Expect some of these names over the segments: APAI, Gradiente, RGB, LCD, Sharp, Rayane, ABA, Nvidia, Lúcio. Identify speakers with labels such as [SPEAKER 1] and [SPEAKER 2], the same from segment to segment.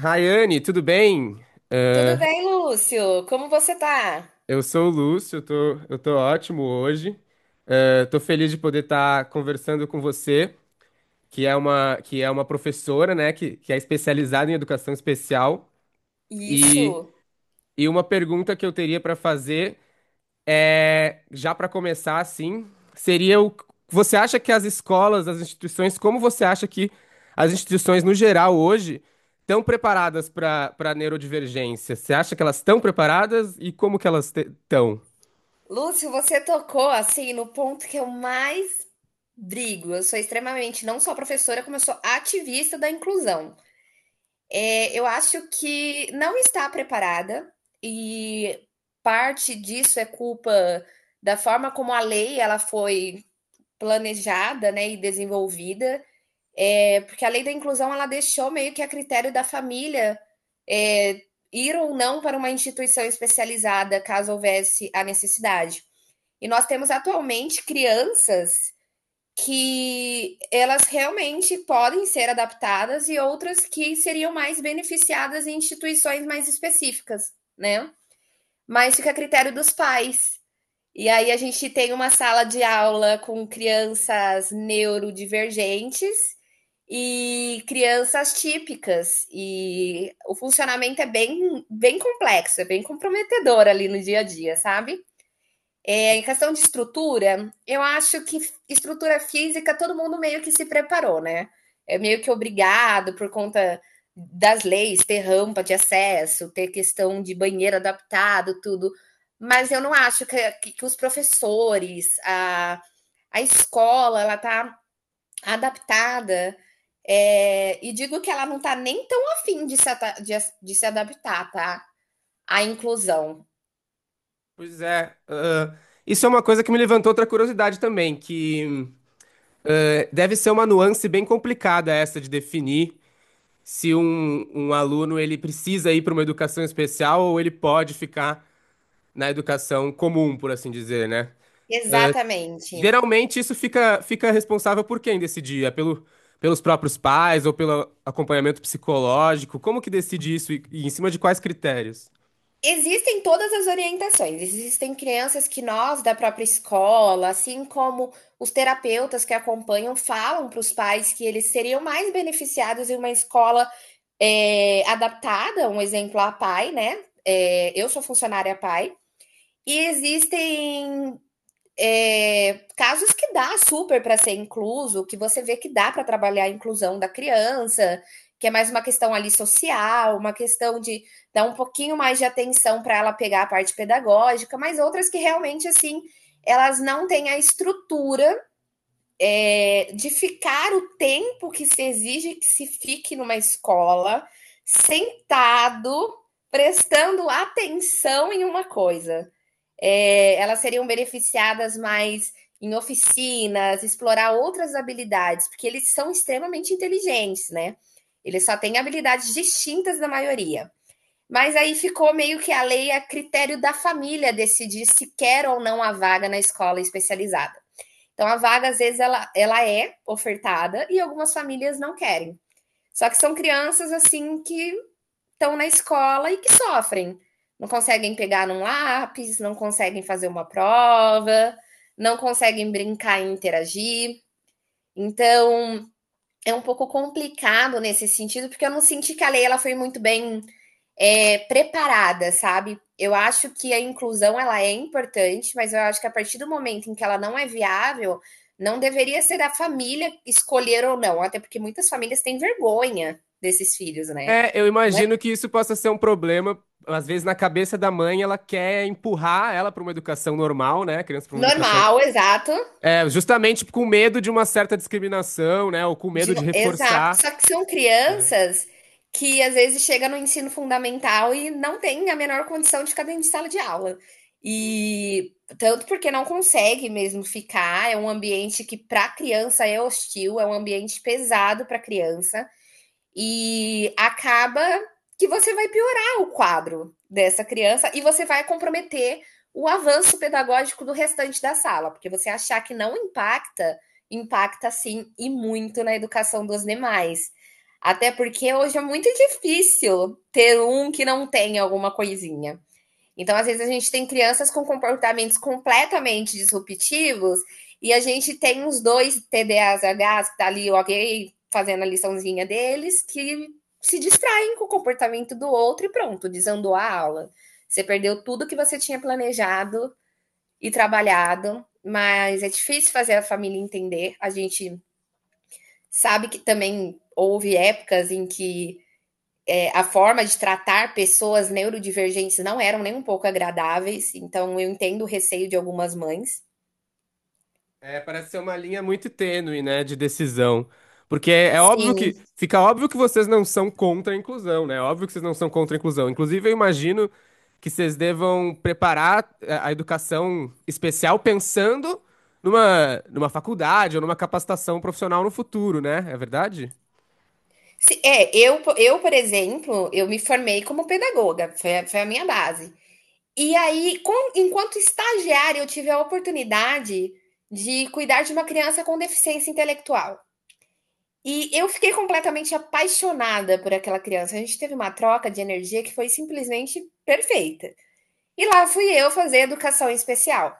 [SPEAKER 1] Rayane, tudo bem?
[SPEAKER 2] Tudo
[SPEAKER 1] Ah,
[SPEAKER 2] bem, Lúcio? Como você tá?
[SPEAKER 1] eu sou o Lúcio, eu tô ótimo hoje. Ah, tô feliz de poder estar conversando com você, que é uma professora, né, que é especializada em educação especial. E,
[SPEAKER 2] Isso.
[SPEAKER 1] e uma pergunta que eu teria para fazer é, já para começar, assim, seria o. Você acha que as escolas, as instituições, como você acha que as instituições no geral hoje estão preparadas para neurodivergência? Você acha que elas estão preparadas e como que elas estão?
[SPEAKER 2] Lúcio, você tocou assim no ponto que eu mais brigo. Eu sou extremamente não só professora, como eu sou ativista da inclusão. Eu acho que não está preparada e parte disso é culpa da forma como a lei ela foi planejada, né, e desenvolvida. Porque a lei da inclusão ela deixou meio que a critério da família é, ir ou não para uma instituição especializada caso houvesse a necessidade. E nós temos atualmente crianças que elas realmente podem ser adaptadas e outras que seriam mais beneficiadas em instituições mais específicas, né? Mas fica a critério dos pais. E aí a gente tem uma sala de aula com crianças neurodivergentes e crianças típicas. E o funcionamento é bem, bem complexo, é bem comprometedor ali no dia a dia, sabe? Em questão de estrutura, eu acho que estrutura física todo mundo meio que se preparou, né? É meio que obrigado por conta das leis, ter rampa de acesso, ter questão de banheiro adaptado, tudo. Mas eu não acho os professores, a escola, ela tá adaptada. E digo que ela não tá nem tão afim de se, de, de se adaptar, tá? À inclusão.
[SPEAKER 1] Pois é, ah, isso é uma coisa que me levantou outra curiosidade também, que ah, deve ser uma nuance bem complicada essa de definir se um aluno ele precisa ir para uma educação especial ou ele pode ficar na educação comum, por assim dizer, né?
[SPEAKER 2] Exatamente.
[SPEAKER 1] Geralmente isso fica responsável por quem decidir? É pelo, pelos próprios pais ou pelo acompanhamento psicológico? Como que decide isso e em cima de quais critérios?
[SPEAKER 2] Existem todas as orientações. Existem crianças que nós, da própria escola, assim como os terapeutas que acompanham, falam para os pais que eles seriam mais beneficiados em uma escola adaptada, um exemplo a pai, né? Eu sou funcionária pai. E existem casos que dá super para ser incluso, que você vê que dá para trabalhar a inclusão da criança, que é mais uma questão ali social, uma questão de dar um pouquinho mais de atenção para ela pegar a parte pedagógica, mas outras que realmente assim elas não têm a estrutura de ficar o tempo que se exige que se fique numa escola sentado prestando atenção em uma coisa. Elas seriam beneficiadas mais em oficinas, explorar outras habilidades, porque eles são extremamente inteligentes, né? Eles só têm habilidades distintas da maioria. Mas aí ficou meio que a lei a critério da família decidir se quer ou não a vaga na escola especializada. Então, a vaga, às vezes, ela é ofertada e algumas famílias não querem. Só que são crianças, assim, que estão na escola e que sofrem. Não conseguem pegar num lápis, não conseguem fazer uma prova, não conseguem brincar e interagir. Então, é um pouco complicado nesse sentido, porque eu não senti que a lei ela foi muito bem preparada, sabe? Eu acho que a inclusão ela é importante, mas eu acho que a partir do momento em que ela não é viável, não deveria ser a família escolher ou não, até porque muitas famílias têm vergonha desses filhos, né?
[SPEAKER 1] É, eu
[SPEAKER 2] Não.
[SPEAKER 1] imagino que isso possa ser um problema. Às vezes, na cabeça da mãe, ela quer empurrar ela para uma educação normal, né? A criança para uma educação.
[SPEAKER 2] Normal, exato.
[SPEAKER 1] É, justamente com medo de uma certa discriminação, né? Ou com medo de
[SPEAKER 2] Exato.
[SPEAKER 1] reforçar,
[SPEAKER 2] Só que são
[SPEAKER 1] né?
[SPEAKER 2] crianças que às vezes chegam no ensino fundamental e não têm a menor condição de ficar dentro de sala de aula. E tanto porque não consegue mesmo ficar, é um ambiente que para criança é hostil, é um ambiente pesado para criança. E acaba que você vai piorar o quadro dessa criança e você vai comprometer o avanço pedagógico do restante da sala, porque você achar que não impacta, impacta sim e muito na educação dos demais. Até porque hoje é muito difícil ter um que não tem alguma coisinha. Então, às vezes, a gente tem crianças com comportamentos completamente disruptivos e a gente tem uns dois TDAHs que tá ali, ok, fazendo a liçãozinha deles, que se distraem com o comportamento do outro e pronto, desandou a aula. Você perdeu tudo que você tinha planejado e trabalhado, mas é difícil fazer a família entender. A gente sabe que também houve épocas em que a forma de tratar pessoas neurodivergentes não eram nem um pouco agradáveis, então eu entendo o receio de algumas mães.
[SPEAKER 1] É, parece ser uma linha muito tênue, né, de decisão. Porque é, é óbvio que,
[SPEAKER 2] Sim.
[SPEAKER 1] fica óbvio que vocês não são contra a inclusão, né? É óbvio que vocês não são contra a inclusão. Inclusive, eu imagino que vocês devam preparar é, a educação especial pensando numa, numa faculdade ou numa capacitação profissional no futuro, né? É verdade?
[SPEAKER 2] Por exemplo, eu me formei como pedagoga, foi, foi a minha base. E aí, enquanto estagiária, eu tive a oportunidade de cuidar de uma criança com deficiência intelectual. E eu fiquei completamente apaixonada por aquela criança. A gente teve uma troca de energia que foi simplesmente perfeita. E lá fui eu fazer educação especial.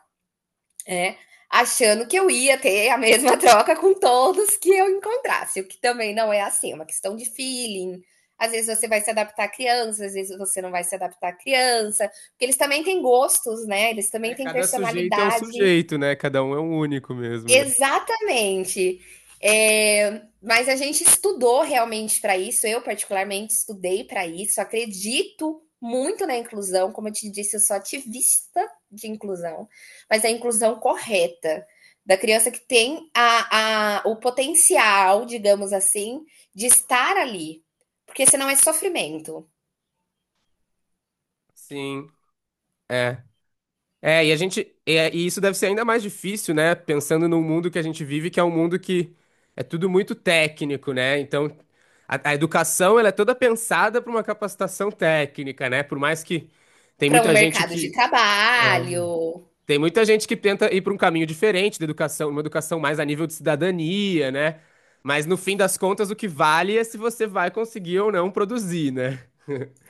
[SPEAKER 2] É, Achando que eu ia ter a mesma troca com todos que eu encontrasse, o que também não é assim, é uma questão de feeling. Às vezes você vai se adaptar à criança, às vezes você não vai se adaptar à criança, porque eles também têm gostos, né? Eles também
[SPEAKER 1] É,
[SPEAKER 2] têm
[SPEAKER 1] cada sujeito é um
[SPEAKER 2] personalidade.
[SPEAKER 1] sujeito, né? Cada um é um único mesmo, né?
[SPEAKER 2] Exatamente. Mas a gente estudou realmente para isso, eu particularmente estudei para isso, acredito muito na inclusão, como eu te disse, eu sou ativista de inclusão, mas a inclusão correta, da criança que tem o potencial, digamos assim, de estar ali, porque senão é sofrimento
[SPEAKER 1] Sim, é. É, e a gente, é, e isso deve ser ainda mais difícil, né? Pensando no mundo que a gente vive, que é um mundo que é tudo muito técnico, né? Então, a educação, ela é toda pensada para uma capacitação técnica, né? Por mais que tem
[SPEAKER 2] para um
[SPEAKER 1] muita gente
[SPEAKER 2] mercado de
[SPEAKER 1] que
[SPEAKER 2] trabalho.
[SPEAKER 1] tem muita gente que tenta ir para um caminho diferente da educação, uma educação mais a nível de cidadania, né? Mas no fim das contas, o que vale é se você vai conseguir ou não produzir, né?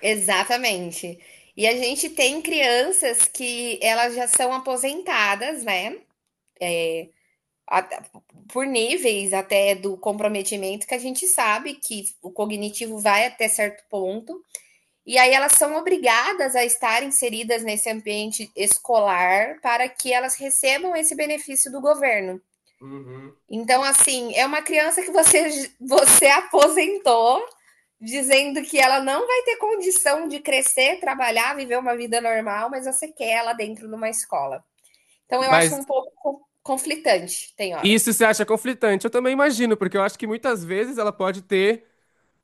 [SPEAKER 2] Exatamente. E a gente tem crianças que elas já são aposentadas, né? Até- Por níveis até do comprometimento, que a gente sabe que o cognitivo vai até certo ponto. E aí elas são obrigadas a estar inseridas nesse ambiente escolar para que elas recebam esse benefício do governo.
[SPEAKER 1] Uhum.
[SPEAKER 2] Então, assim, é uma criança que você, você aposentou dizendo que ela não vai ter condição de crescer, trabalhar, viver uma vida normal, mas você quer ela dentro de uma escola. Então eu acho
[SPEAKER 1] Mas
[SPEAKER 2] um pouco conflitante, tem hora.
[SPEAKER 1] isso você acha conflitante, eu também imagino, porque eu acho que muitas vezes ela pode ter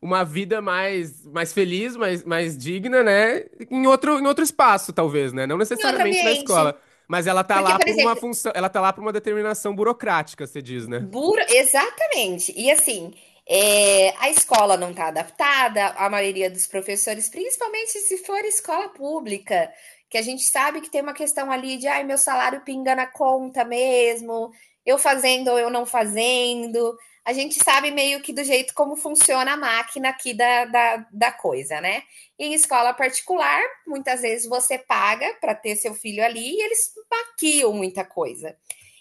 [SPEAKER 1] uma vida mais feliz, mais, mais digna, né? Em outro espaço, talvez, né? Não
[SPEAKER 2] Em outro
[SPEAKER 1] necessariamente na
[SPEAKER 2] ambiente.
[SPEAKER 1] escola. Mas ela tá
[SPEAKER 2] Porque,
[SPEAKER 1] lá
[SPEAKER 2] por
[SPEAKER 1] por uma
[SPEAKER 2] exemplo,
[SPEAKER 1] função, ela tá lá por uma determinação burocrática, você diz, né?
[SPEAKER 2] Exatamente. E assim, é, a escola não está adaptada, a maioria dos professores, principalmente se for escola pública, que a gente sabe que tem uma questão ali de ai, meu salário pinga na conta mesmo, eu fazendo ou eu não fazendo. A gente sabe meio que do jeito como funciona a máquina aqui da coisa, né? E em escola particular, muitas vezes você paga para ter seu filho ali e eles maquiam muita coisa.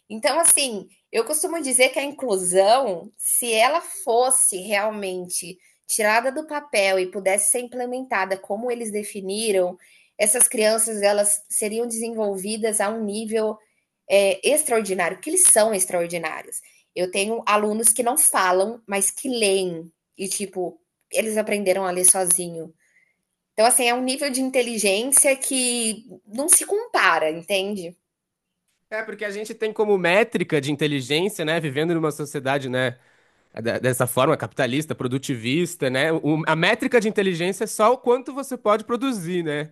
[SPEAKER 2] Então, assim, eu costumo dizer que a inclusão, se ela fosse realmente tirada do papel e pudesse ser implementada como eles definiram, essas crianças elas seriam desenvolvidas a um nível extraordinário, porque eles são extraordinários. Eu tenho alunos que não falam, mas que leem e tipo eles aprenderam a ler sozinho. Então, assim, é um nível de inteligência que não se compara, entende?
[SPEAKER 1] É, porque a gente tem como métrica de inteligência, né? Vivendo numa sociedade, né? É de- dessa forma capitalista, produtivista, né? O- a métrica de inteligência é só o quanto você pode produzir, né?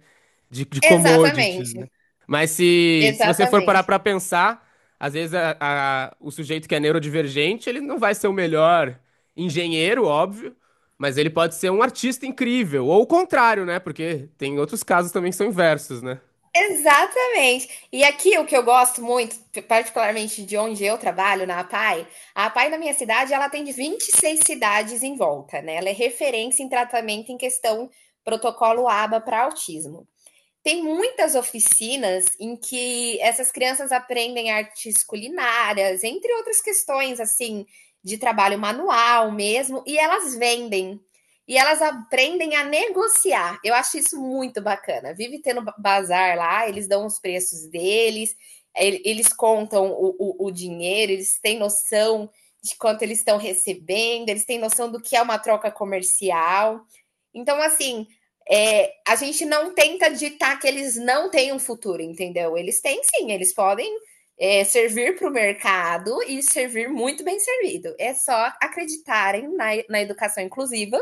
[SPEAKER 1] De commodities,
[SPEAKER 2] Exatamente,
[SPEAKER 1] né? Mas se você for parar
[SPEAKER 2] exatamente.
[SPEAKER 1] para pensar, às vezes a- o sujeito que é neurodivergente, ele não vai ser o melhor engenheiro, óbvio, mas ele pode ser um artista incrível, ou o contrário, né? Porque tem outros casos também que são inversos, né?
[SPEAKER 2] Exatamente. E aqui o que eu gosto muito, particularmente de onde eu trabalho, na APAI, a APAI na minha cidade, ela tem 26 cidades em volta, né? Ela é referência em tratamento em questão protocolo ABA para autismo. Tem muitas oficinas em que essas crianças aprendem artes culinárias, entre outras questões, assim, de trabalho manual mesmo, e elas vendem. E elas aprendem a negociar. Eu acho isso muito bacana. Vive tendo bazar lá, eles dão os preços deles, eles contam o dinheiro, eles têm noção de quanto eles estão recebendo, eles têm noção do que é uma troca comercial. Então, assim, a gente não tenta ditar que eles não têm um futuro, entendeu? Eles têm sim, eles podem servir para o mercado e servir muito bem servido. É só acreditarem na educação inclusiva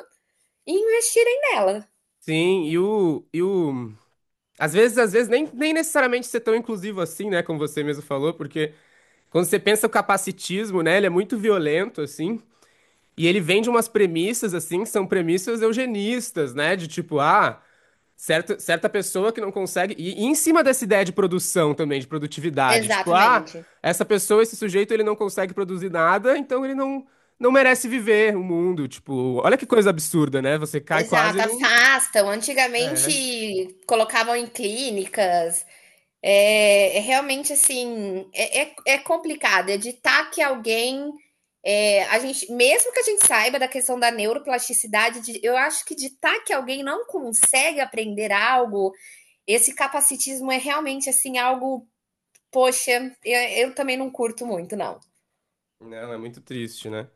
[SPEAKER 2] e investirem nela.
[SPEAKER 1] Sim, e o... às vezes, nem, nem necessariamente ser tão inclusivo assim, né? Como você mesmo falou, porque quando você pensa o capacitismo, né? Ele é muito violento, assim. E ele vem de umas premissas, assim, que são premissas eugenistas, né? De tipo, ah, certa, certa pessoa que não consegue. E em cima dessa ideia de produção também, de produtividade. Tipo, ah,
[SPEAKER 2] Exatamente.
[SPEAKER 1] essa pessoa, esse sujeito, ele não consegue produzir nada, então ele não, não merece viver o mundo. Tipo, olha que coisa absurda, né? Você cai quase
[SPEAKER 2] Exato,
[SPEAKER 1] num.
[SPEAKER 2] afastam.
[SPEAKER 1] É.
[SPEAKER 2] Antigamente colocavam em clínicas. É, é realmente assim, é complicado editar que alguém. A gente, mesmo que a gente saiba da questão da neuroplasticidade, de- eu acho que ditar que alguém não consegue aprender algo, esse capacitismo é realmente assim algo, poxa, eu também não curto muito, não.
[SPEAKER 1] Não, é muito triste, né?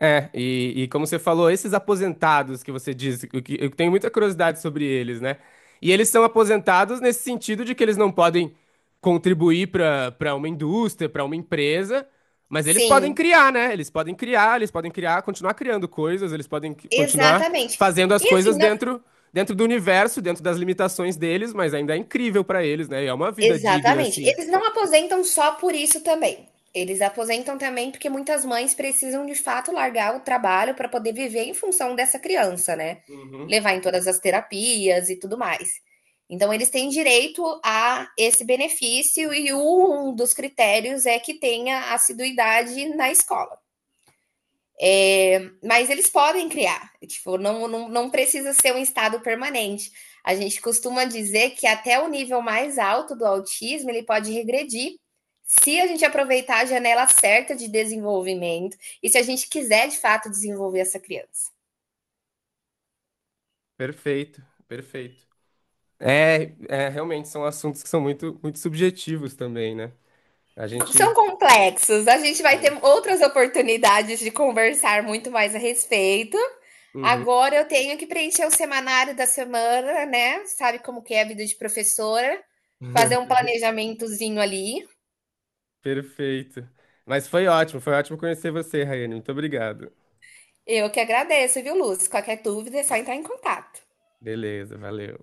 [SPEAKER 1] É, e como você falou, esses aposentados que você diz, o que- eu tenho muita curiosidade sobre eles, né? E eles são aposentados nesse sentido de que eles não podem contribuir para uma indústria, para uma empresa, mas eles podem
[SPEAKER 2] Sim,
[SPEAKER 1] criar, né? Eles podem criar, continuar criando coisas, eles podem qui- continuar
[SPEAKER 2] exatamente.
[SPEAKER 1] fazendo as
[SPEAKER 2] E
[SPEAKER 1] coisas
[SPEAKER 2] assim, não.
[SPEAKER 1] dentro do universo, dentro das limitações deles, mas ainda é incrível para eles, né? E é uma vida digna,
[SPEAKER 2] Exatamente.
[SPEAKER 1] assim.
[SPEAKER 2] Eles não aposentam só por isso também. Eles aposentam também porque muitas mães precisam de fato largar o trabalho para poder viver em função dessa criança, né?
[SPEAKER 1] Uhum.
[SPEAKER 2] Levar em todas as terapias e tudo mais. Então, eles têm direito a esse benefício e um dos critérios é que tenha assiduidade na escola. Mas eles podem criar, tipo, não, não, não precisa ser um estado permanente. A gente costuma dizer que até o nível mais alto do autismo ele pode regredir se a gente aproveitar a janela certa de desenvolvimento e se a gente quiser de fato desenvolver essa criança.
[SPEAKER 1] Perfeito, perfeito. É, é, realmente são assuntos que são muito, muito subjetivos também, né? A
[SPEAKER 2] São
[SPEAKER 1] gente.
[SPEAKER 2] complexos, a gente vai ter
[SPEAKER 1] É.
[SPEAKER 2] outras oportunidades de conversar muito mais a respeito.
[SPEAKER 1] Uhum.
[SPEAKER 2] Agora eu tenho que preencher o semanário da semana, né? Sabe como que é a vida de professora, fazer um planejamentozinho ali.
[SPEAKER 1] Perfeito. Mas foi ótimo conhecer você, Raiane. Muito obrigado.
[SPEAKER 2] Eu que agradeço, viu, Lúcio? Qualquer dúvida é só entrar em contato.
[SPEAKER 1] Beleza, valeu.